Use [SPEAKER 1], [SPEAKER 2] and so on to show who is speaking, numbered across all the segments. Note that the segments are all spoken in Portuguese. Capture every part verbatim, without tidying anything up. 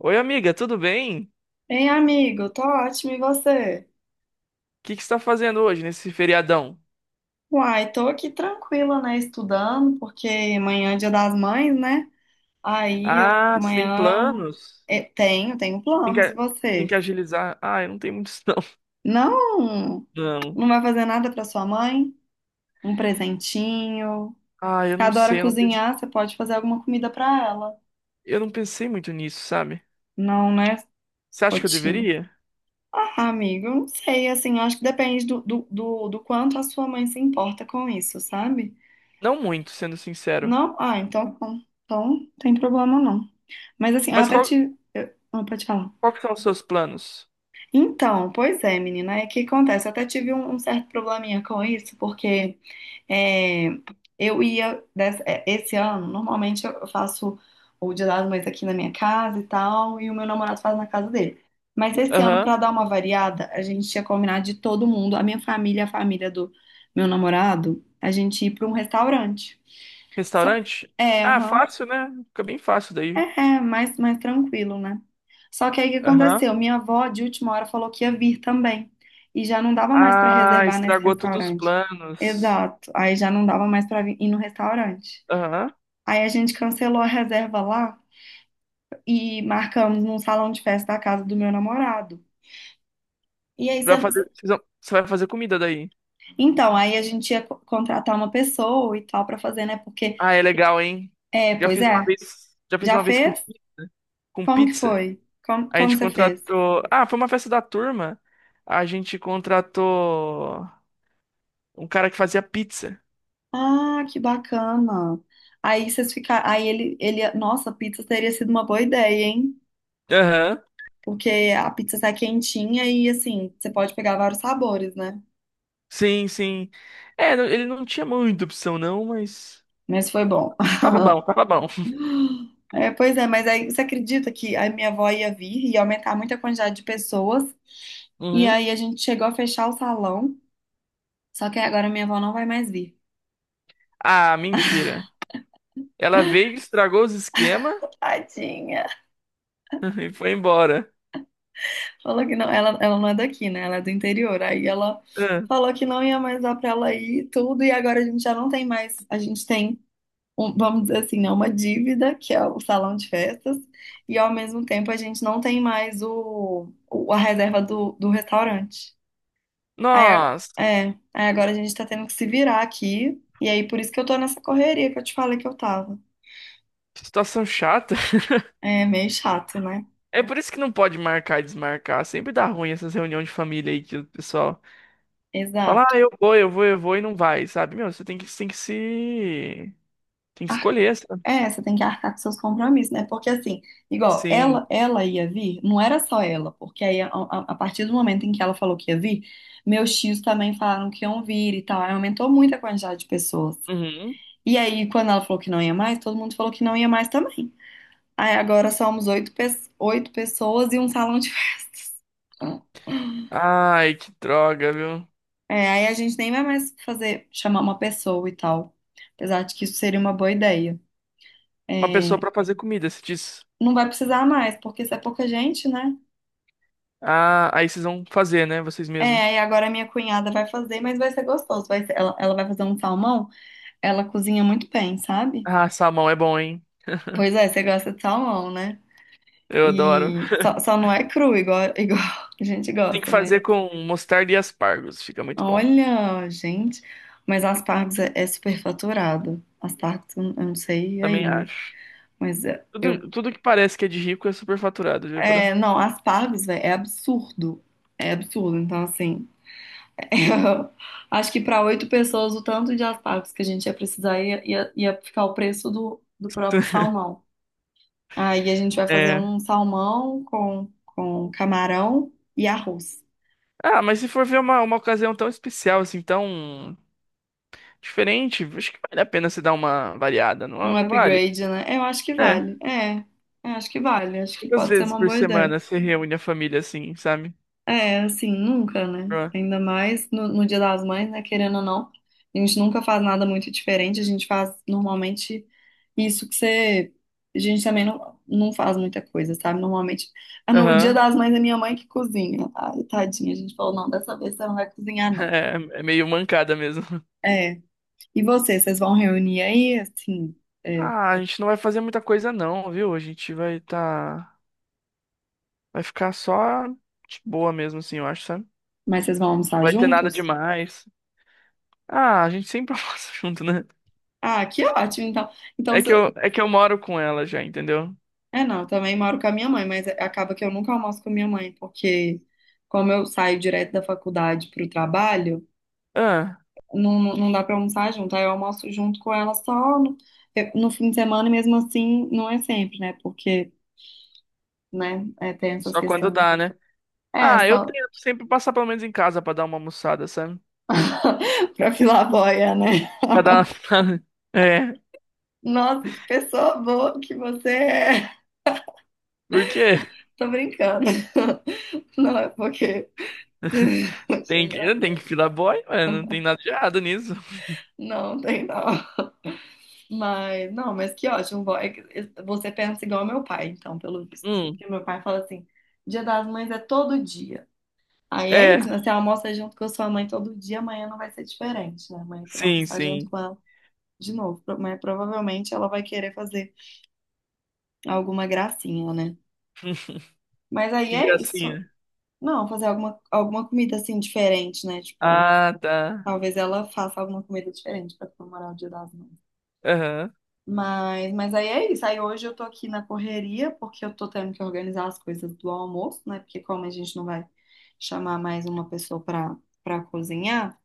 [SPEAKER 1] Oi, amiga, tudo bem? O
[SPEAKER 2] Ei, amigo, tô ótimo, e você?
[SPEAKER 1] que que você está fazendo hoje nesse feriadão?
[SPEAKER 2] Uai, tô aqui tranquila, né, estudando, porque amanhã é Dia das Mães, né? Aí eu
[SPEAKER 1] Ah, você tem
[SPEAKER 2] amanhã eu
[SPEAKER 1] planos?
[SPEAKER 2] eh, Tenho, tenho
[SPEAKER 1] Tem que,
[SPEAKER 2] planos, e
[SPEAKER 1] tem
[SPEAKER 2] você?
[SPEAKER 1] que agilizar. Ah, eu não tenho muitos, não.
[SPEAKER 2] Não,
[SPEAKER 1] Não.
[SPEAKER 2] não vai fazer nada pra sua mãe? Um presentinho?
[SPEAKER 1] Ah, eu
[SPEAKER 2] Você
[SPEAKER 1] não
[SPEAKER 2] adora
[SPEAKER 1] sei, eu não pensei,
[SPEAKER 2] cozinhar, você pode fazer alguma comida pra ela.
[SPEAKER 1] eu não pensei muito nisso, sabe?
[SPEAKER 2] Não, né?
[SPEAKER 1] Você acha que eu
[SPEAKER 2] Rotina.
[SPEAKER 1] deveria?
[SPEAKER 2] Ah, amigo, eu não sei, assim, eu acho que depende do, do, do do quanto a sua mãe se importa com isso, sabe?
[SPEAKER 1] Não muito, sendo sincero.
[SPEAKER 2] Não? Ah, então, tá bom, então não tem problema não. Mas assim, eu
[SPEAKER 1] Mas
[SPEAKER 2] até
[SPEAKER 1] qual,
[SPEAKER 2] tive. eu- Não, pode falar.
[SPEAKER 1] qual que são os seus planos?
[SPEAKER 2] Então, pois é, menina, é que acontece. Eu até tive um, um certo probleminha com isso, porque é, eu ia. dessa- é, esse ano, normalmente eu eu faço o Dia das Mães aqui na minha casa e tal, e o meu namorado faz na casa dele. Mas esse ano,
[SPEAKER 1] Aham.
[SPEAKER 2] pra dar uma variada, a gente tinha combinado de todo mundo, a minha família, a família do meu namorado, a gente ir pra um restaurante. Só-
[SPEAKER 1] Restaurante?
[SPEAKER 2] É,
[SPEAKER 1] Ah,
[SPEAKER 2] aham.
[SPEAKER 1] fácil, né? Fica bem fácil daí.
[SPEAKER 2] É, é mais, mais tranquilo, né? Só que aí o que
[SPEAKER 1] Aham.
[SPEAKER 2] aconteceu? Minha avó, de última hora, falou que ia vir também. E já não dava mais para
[SPEAKER 1] Ah,
[SPEAKER 2] reservar nesse
[SPEAKER 1] estragou todos os
[SPEAKER 2] restaurante.
[SPEAKER 1] planos.
[SPEAKER 2] Exato. Aí já não dava mais para ir no restaurante.
[SPEAKER 1] Aham.
[SPEAKER 2] Aí a gente cancelou a reserva lá e marcamos num salão de festa da casa do meu namorado. E aí,
[SPEAKER 1] Pra fazer,
[SPEAKER 2] cê-
[SPEAKER 1] vocês vão- você vai fazer comida daí.
[SPEAKER 2] então, aí a gente ia co- contratar uma pessoa e tal para fazer, né? Porque,
[SPEAKER 1] Ah, é legal, hein?
[SPEAKER 2] é,
[SPEAKER 1] Já
[SPEAKER 2] pois
[SPEAKER 1] fiz uma
[SPEAKER 2] é,
[SPEAKER 1] vez, já fiz
[SPEAKER 2] já
[SPEAKER 1] uma vez com,
[SPEAKER 2] fez?
[SPEAKER 1] pi- com
[SPEAKER 2] Como que
[SPEAKER 1] pizza.
[SPEAKER 2] foi? Como,
[SPEAKER 1] A
[SPEAKER 2] como
[SPEAKER 1] gente
[SPEAKER 2] você fez?
[SPEAKER 1] contratou. Ah, foi uma festa da turma. A gente contratou um cara que fazia pizza.
[SPEAKER 2] Ah, que bacana. Aí vocês ficaram. Aí ele, ele. Nossa, pizza teria sido uma boa ideia, hein?
[SPEAKER 1] Aham.
[SPEAKER 2] Porque a pizza sai quentinha e assim, você pode pegar vários sabores, né?
[SPEAKER 1] Sim, sim. É, não- ele não tinha muita opção, não, mas.
[SPEAKER 2] Mas foi bom.
[SPEAKER 1] Tava bom, tava bom.
[SPEAKER 2] É, pois é, mas aí você acredita que a minha avó ia vir e ia aumentar muito a quantidade de pessoas? E
[SPEAKER 1] Uhum.
[SPEAKER 2] aí a gente chegou a fechar o salão. Só que agora minha avó não vai mais vir.
[SPEAKER 1] Ah, mentira. Ela veio, estragou os esquemas
[SPEAKER 2] Tadinha.
[SPEAKER 1] e foi embora.
[SPEAKER 2] Falou que não, ela, ela não é daqui, né? Ela é do interior. Aí ela
[SPEAKER 1] Ah.
[SPEAKER 2] falou que não ia mais dar pra ela ir e tudo, e agora a gente já não tem mais, a gente tem, um- vamos dizer assim, né, uma dívida, que é o salão de festas, e ao mesmo tempo a gente não tem mais o, o- a reserva do, do restaurante. Aí,
[SPEAKER 1] Nossa,
[SPEAKER 2] a- é, Aí agora a gente tá tendo que se virar aqui, e aí por isso que eu tô nessa correria que eu te falei que eu tava.
[SPEAKER 1] que situação chata.
[SPEAKER 2] É meio chato, né?
[SPEAKER 1] É por isso que não pode marcar e desmarcar. Sempre dá ruim essas reuniões de família aí que o pessoal. Fala,
[SPEAKER 2] Exato.
[SPEAKER 1] ah, eu vou, eu vou, eu vou e não vai, sabe? Meu, você tem que, você tem que se. Tem que escolher, sabe?
[SPEAKER 2] É, você tem que arcar com seus compromissos, né? Porque assim, igual,
[SPEAKER 1] Sim.
[SPEAKER 2] ela, ela ia vir, não era só ela, porque aí a, a- a partir do momento em que ela falou que ia vir, meus tios também falaram que iam vir e tal. Aí aumentou muito a quantidade de pessoas.
[SPEAKER 1] Uhum.
[SPEAKER 2] E aí, quando ela falou que não ia mais, todo mundo falou que não ia mais também. Aí agora somos oito, pe- oito pessoas e um salão de festas.
[SPEAKER 1] Ai, que droga, viu?
[SPEAKER 2] É, aí a gente nem vai mais fazer, chamar uma pessoa e tal. Apesar de que isso seria uma boa ideia.
[SPEAKER 1] Uma pessoa
[SPEAKER 2] É,
[SPEAKER 1] pra fazer comida, se diz.
[SPEAKER 2] não vai precisar mais, porque se é pouca gente, né?
[SPEAKER 1] Ah, aí vocês vão fazer, né? Vocês
[SPEAKER 2] É,
[SPEAKER 1] mesmos.
[SPEAKER 2] e agora a minha cunhada vai fazer, mas vai ser gostoso. Vai ser- ela, ela vai fazer um salmão, ela cozinha muito bem, sabe?
[SPEAKER 1] Ah, salmão é bom, hein?
[SPEAKER 2] Pois é, você gosta de salmão, né?
[SPEAKER 1] Eu adoro.
[SPEAKER 2] E só, só não é cru, igual, igual a gente
[SPEAKER 1] Tem que
[SPEAKER 2] gosta, mas.
[SPEAKER 1] fazer com mostarda e aspargos, fica muito bom.
[SPEAKER 2] Olha, gente, mas aspargos é, é superfaturado. Aspargos, eu eu não sei
[SPEAKER 1] Também
[SPEAKER 2] aí, mas,
[SPEAKER 1] acho.
[SPEAKER 2] mas é, eu.
[SPEAKER 1] Tudo, tudo que parece que é de rico é superfaturado, viu, bro?
[SPEAKER 2] É, não, aspargos, velho, é absurdo. É absurdo, então assim. Eu acho que para oito pessoas, o tanto de aspargos que a gente ia precisar ia, ia, ia ficar o preço do, do próprio salmão. Aí a gente vai fazer
[SPEAKER 1] É.
[SPEAKER 2] um salmão com, com camarão e arroz.
[SPEAKER 1] Ah, mas se for ver uma, uma ocasião tão especial, assim, tão. Diferente, acho que vale a pena se dar uma variada, não,
[SPEAKER 2] Um
[SPEAKER 1] não vale?
[SPEAKER 2] upgrade, né? Eu acho que
[SPEAKER 1] É.
[SPEAKER 2] vale. É, eu acho que vale. Acho que
[SPEAKER 1] Quantas
[SPEAKER 2] pode ser
[SPEAKER 1] vezes
[SPEAKER 2] uma
[SPEAKER 1] por
[SPEAKER 2] boa
[SPEAKER 1] semana
[SPEAKER 2] ideia.
[SPEAKER 1] se reúne a família assim, sabe?
[SPEAKER 2] É, assim, nunca, né?
[SPEAKER 1] Pra-
[SPEAKER 2] Ainda mais no, no Dia das Mães, né? Querendo ou não, a gente nunca faz nada muito diferente, a gente faz normalmente isso que você. A gente também não, não faz muita coisa, sabe? Normalmente, ah, no Dia
[SPEAKER 1] Aham.
[SPEAKER 2] das Mães é minha mãe que cozinha. Ai, tadinha, a gente falou, não, dessa vez você não vai cozinhar, não.
[SPEAKER 1] É, é meio mancada mesmo.
[SPEAKER 2] É, e vocês, vocês vão reunir aí, assim, é,
[SPEAKER 1] Ah, a gente não vai fazer muita coisa não, viu? A gente vai tá. Vai ficar só de boa mesmo, assim, eu acho, sabe? Não
[SPEAKER 2] mas vocês vão almoçar
[SPEAKER 1] vai ter nada
[SPEAKER 2] juntos?
[SPEAKER 1] demais. Ah, a gente sempre almoça junto, né?
[SPEAKER 2] Ah, que ótimo, então. Então,
[SPEAKER 1] É que eu, é que eu moro com ela já, entendeu?
[SPEAKER 2] É, não, eu também moro com a minha mãe, mas acaba que eu nunca almoço com a minha mãe, porque como eu saio direto da faculdade para o trabalho,
[SPEAKER 1] Ah,
[SPEAKER 2] não, não não dá para almoçar junto. Aí eu almoço junto com ela só no, eu- no fim de semana, e mesmo assim não é sempre, né? Porque, né, é, tem essas
[SPEAKER 1] só quando
[SPEAKER 2] questões.
[SPEAKER 1] dá, né?
[SPEAKER 2] É,
[SPEAKER 1] Ah, eu
[SPEAKER 2] só
[SPEAKER 1] tento sempre passar pelo menos em casa pra dar uma almoçada, sabe?
[SPEAKER 2] pra filar a boia, né?
[SPEAKER 1] Pra dar uma... É,
[SPEAKER 2] Nossa, que pessoa boa que você é.
[SPEAKER 1] por quê?
[SPEAKER 2] Tô brincando. Não, é porque... Achei
[SPEAKER 1] Tem que,
[SPEAKER 2] engraçado.
[SPEAKER 1] tem que filar boy, mano. Não tem nada de errado nisso.
[SPEAKER 2] Não, tem não. Mas, não, mas que ótimo. Bom, é que é, você pensa igual meu pai, então, pelo visto.
[SPEAKER 1] Hum,
[SPEAKER 2] Porque meu pai fala assim: Dia das Mães é todo dia. Aí é isso,
[SPEAKER 1] é.
[SPEAKER 2] né? Você almoça junto com a sua mãe todo dia, amanhã não vai ser diferente, né? Amanhã você vai
[SPEAKER 1] Sim,
[SPEAKER 2] almoçar junto
[SPEAKER 1] sim.
[SPEAKER 2] com ela de novo. Pro- Mas provavelmente ela vai querer fazer alguma gracinha, né? Mas aí
[SPEAKER 1] Que
[SPEAKER 2] é isso.
[SPEAKER 1] gracinha.
[SPEAKER 2] Não, fazer alguma, alguma comida assim diferente, né? Tipo,
[SPEAKER 1] Ah, tá.
[SPEAKER 2] talvez ela faça alguma comida diferente pra comemorar o Dia das Mães.
[SPEAKER 1] Aham.
[SPEAKER 2] Mas, mas aí é isso. Aí hoje eu tô aqui na correria, porque eu tô tendo que organizar as coisas do almoço, né? Porque como a gente não vai chamar mais uma pessoa pra, pra cozinhar,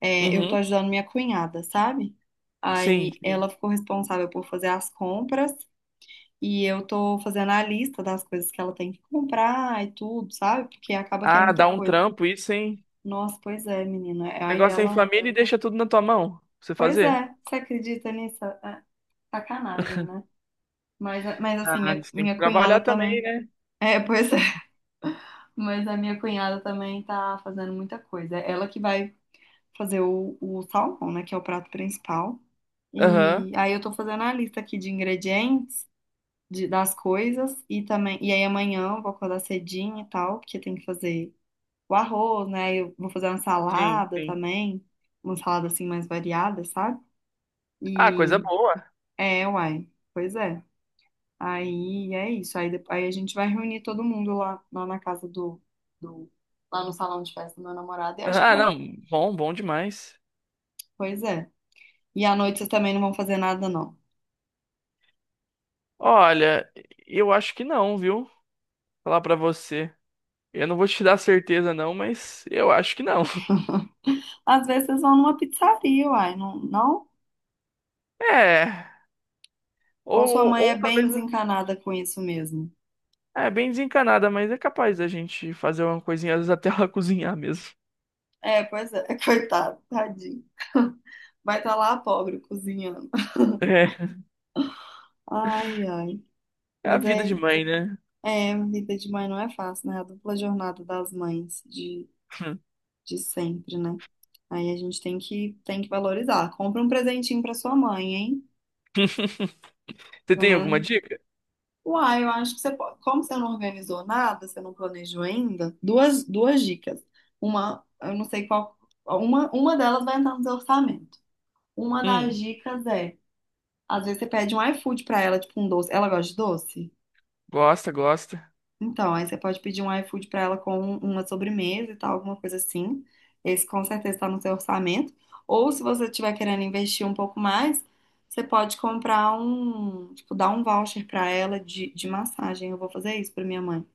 [SPEAKER 2] é, eu tô
[SPEAKER 1] Uhum.
[SPEAKER 2] ajudando minha cunhada, sabe?
[SPEAKER 1] Sim,
[SPEAKER 2] Aí
[SPEAKER 1] sim.
[SPEAKER 2] ela ficou responsável por fazer as compras e eu tô fazendo a lista das coisas que ela tem que comprar e tudo, sabe? Porque acaba que é
[SPEAKER 1] Ah,
[SPEAKER 2] muita
[SPEAKER 1] dá um
[SPEAKER 2] coisa.
[SPEAKER 1] trampo, isso, hein?
[SPEAKER 2] Nossa, pois é, menina. Aí
[SPEAKER 1] Negócio é em
[SPEAKER 2] ela.
[SPEAKER 1] família e deixa tudo na tua mão. Pra você
[SPEAKER 2] Pois
[SPEAKER 1] fazer?
[SPEAKER 2] é, você acredita nisso? É sacanagem, né? Mas, mas assim,
[SPEAKER 1] Ah,
[SPEAKER 2] minha,
[SPEAKER 1] você tem que
[SPEAKER 2] minha
[SPEAKER 1] trabalhar
[SPEAKER 2] cunhada
[SPEAKER 1] também,
[SPEAKER 2] também.
[SPEAKER 1] né?
[SPEAKER 2] É, pois é. Mas a minha cunhada também tá fazendo muita coisa. É ela que vai fazer o, o salmão, né? Que é o prato principal.
[SPEAKER 1] Aham.
[SPEAKER 2] E aí eu tô fazendo a lista aqui de ingredientes, de, das coisas. E também. E aí amanhã eu vou acordar cedinho e tal, porque tem que fazer o arroz, né? Eu vou fazer uma
[SPEAKER 1] Sim,
[SPEAKER 2] salada
[SPEAKER 1] sim.
[SPEAKER 2] também. Uma salada assim mais variada, sabe?
[SPEAKER 1] Ah, coisa
[SPEAKER 2] E
[SPEAKER 1] boa.
[SPEAKER 2] é, uai. Pois é. Aí é isso. Aí, depois, aí a gente vai reunir todo mundo lá, lá na casa do, do. Lá no salão de festa do meu namorado e acho que
[SPEAKER 1] Ah,
[SPEAKER 2] vai.
[SPEAKER 1] não. Bom, bom demais.
[SPEAKER 2] Pois é. E à noite vocês também não vão fazer nada, não.
[SPEAKER 1] Olha, eu acho que não, viu? Falar pra você. Eu não vou te dar certeza, não, mas eu acho que não.
[SPEAKER 2] Às vezes vocês vão numa pizzaria, uai, não, não?
[SPEAKER 1] É. Ou,
[SPEAKER 2] Ou sua mãe
[SPEAKER 1] ou
[SPEAKER 2] é bem
[SPEAKER 1] talvez.
[SPEAKER 2] desencanada com isso mesmo?
[SPEAKER 1] É bem desencanada, mas é capaz da gente fazer uma coisinha, às vezes até ela cozinhar mesmo.
[SPEAKER 2] É, pois é. Coitado, tadinho. Vai estar lá a pobre cozinhando.
[SPEAKER 1] É.
[SPEAKER 2] Ai, ai.
[SPEAKER 1] É a
[SPEAKER 2] Mas
[SPEAKER 1] vida
[SPEAKER 2] é,
[SPEAKER 1] de mãe, né?
[SPEAKER 2] é, vida de mãe não é fácil, né? A dupla jornada das mães de, de sempre, né? Aí a gente tem que, tem que valorizar. Compra um presentinho pra sua mãe, hein?
[SPEAKER 1] Você
[SPEAKER 2] Pelo
[SPEAKER 1] tem alguma
[SPEAKER 2] menos.
[SPEAKER 1] dica?
[SPEAKER 2] Uai, eu acho que você pode. Como você não organizou nada, você não planejou ainda, duas, duas dicas. Uma, eu não sei qual. Uma, uma delas vai entrar no seu orçamento. Uma das
[SPEAKER 1] Hum,
[SPEAKER 2] dicas é, às vezes você pede um iFood pra ela, tipo um doce. Ela gosta de doce?
[SPEAKER 1] gosta, gosta.
[SPEAKER 2] Então, aí você pode pedir um iFood para ela com uma sobremesa e tal, alguma coisa assim. Esse com certeza está no seu orçamento. Ou se você estiver querendo investir um pouco mais, você pode comprar um, tipo, dar um voucher para ela de, de massagem. Eu vou fazer isso para minha mãe.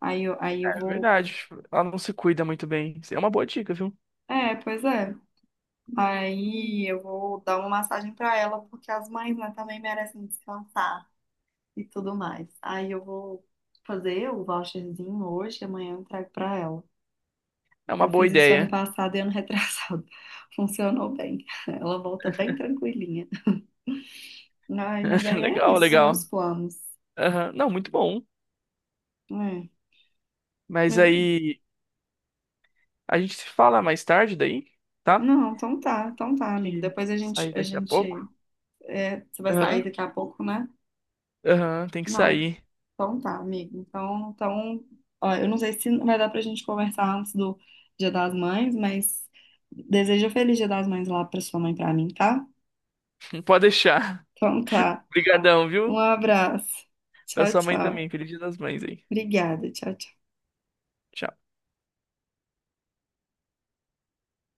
[SPEAKER 2] Aí eu, aí eu
[SPEAKER 1] É
[SPEAKER 2] vou.
[SPEAKER 1] verdade. Ela não se cuida muito bem. Isso é uma boa dica, viu?
[SPEAKER 2] É, pois é. Aí eu vou dar uma massagem para ela, porque as mães, né, também merecem descansar e tudo mais. Aí eu vou fazer o voucherzinho hoje, amanhã eu entrego para ela.
[SPEAKER 1] É uma
[SPEAKER 2] Eu
[SPEAKER 1] boa
[SPEAKER 2] fiz isso ano
[SPEAKER 1] ideia.
[SPEAKER 2] passado e ano retrasado. Funcionou bem. Ela volta bem tranquilinha. Ai, mas aí é
[SPEAKER 1] Legal,
[SPEAKER 2] isso, meus
[SPEAKER 1] legal.
[SPEAKER 2] planos.
[SPEAKER 1] Aham. Não, muito bom.
[SPEAKER 2] É.
[SPEAKER 1] Mas
[SPEAKER 2] Mas-
[SPEAKER 1] aí a gente se fala mais tarde daí, tá?
[SPEAKER 2] não, então tá, então tá, amigo.
[SPEAKER 1] Que
[SPEAKER 2] Depois a gente,
[SPEAKER 1] sair
[SPEAKER 2] a
[SPEAKER 1] daqui a pouco.
[SPEAKER 2] gente, é, você vai sair
[SPEAKER 1] Aham.
[SPEAKER 2] daqui a pouco, né?
[SPEAKER 1] Aham, tem que
[SPEAKER 2] Não,
[SPEAKER 1] sair.
[SPEAKER 2] então tá, amigo. Então, então, ó, eu não sei se vai dar pra gente conversar antes do Dia das Mães, mas desejo um feliz Dia das Mães lá pra sua mãe e pra mim, tá?
[SPEAKER 1] Não pode deixar.
[SPEAKER 2] Então tá.
[SPEAKER 1] Obrigadão,
[SPEAKER 2] Um
[SPEAKER 1] viu?
[SPEAKER 2] abraço.
[SPEAKER 1] Pra
[SPEAKER 2] Tchau,
[SPEAKER 1] sua mãe
[SPEAKER 2] tchau.
[SPEAKER 1] também. Feliz Dia das Mães aí.
[SPEAKER 2] Obrigada, tchau, tchau.
[SPEAKER 1] Tchau.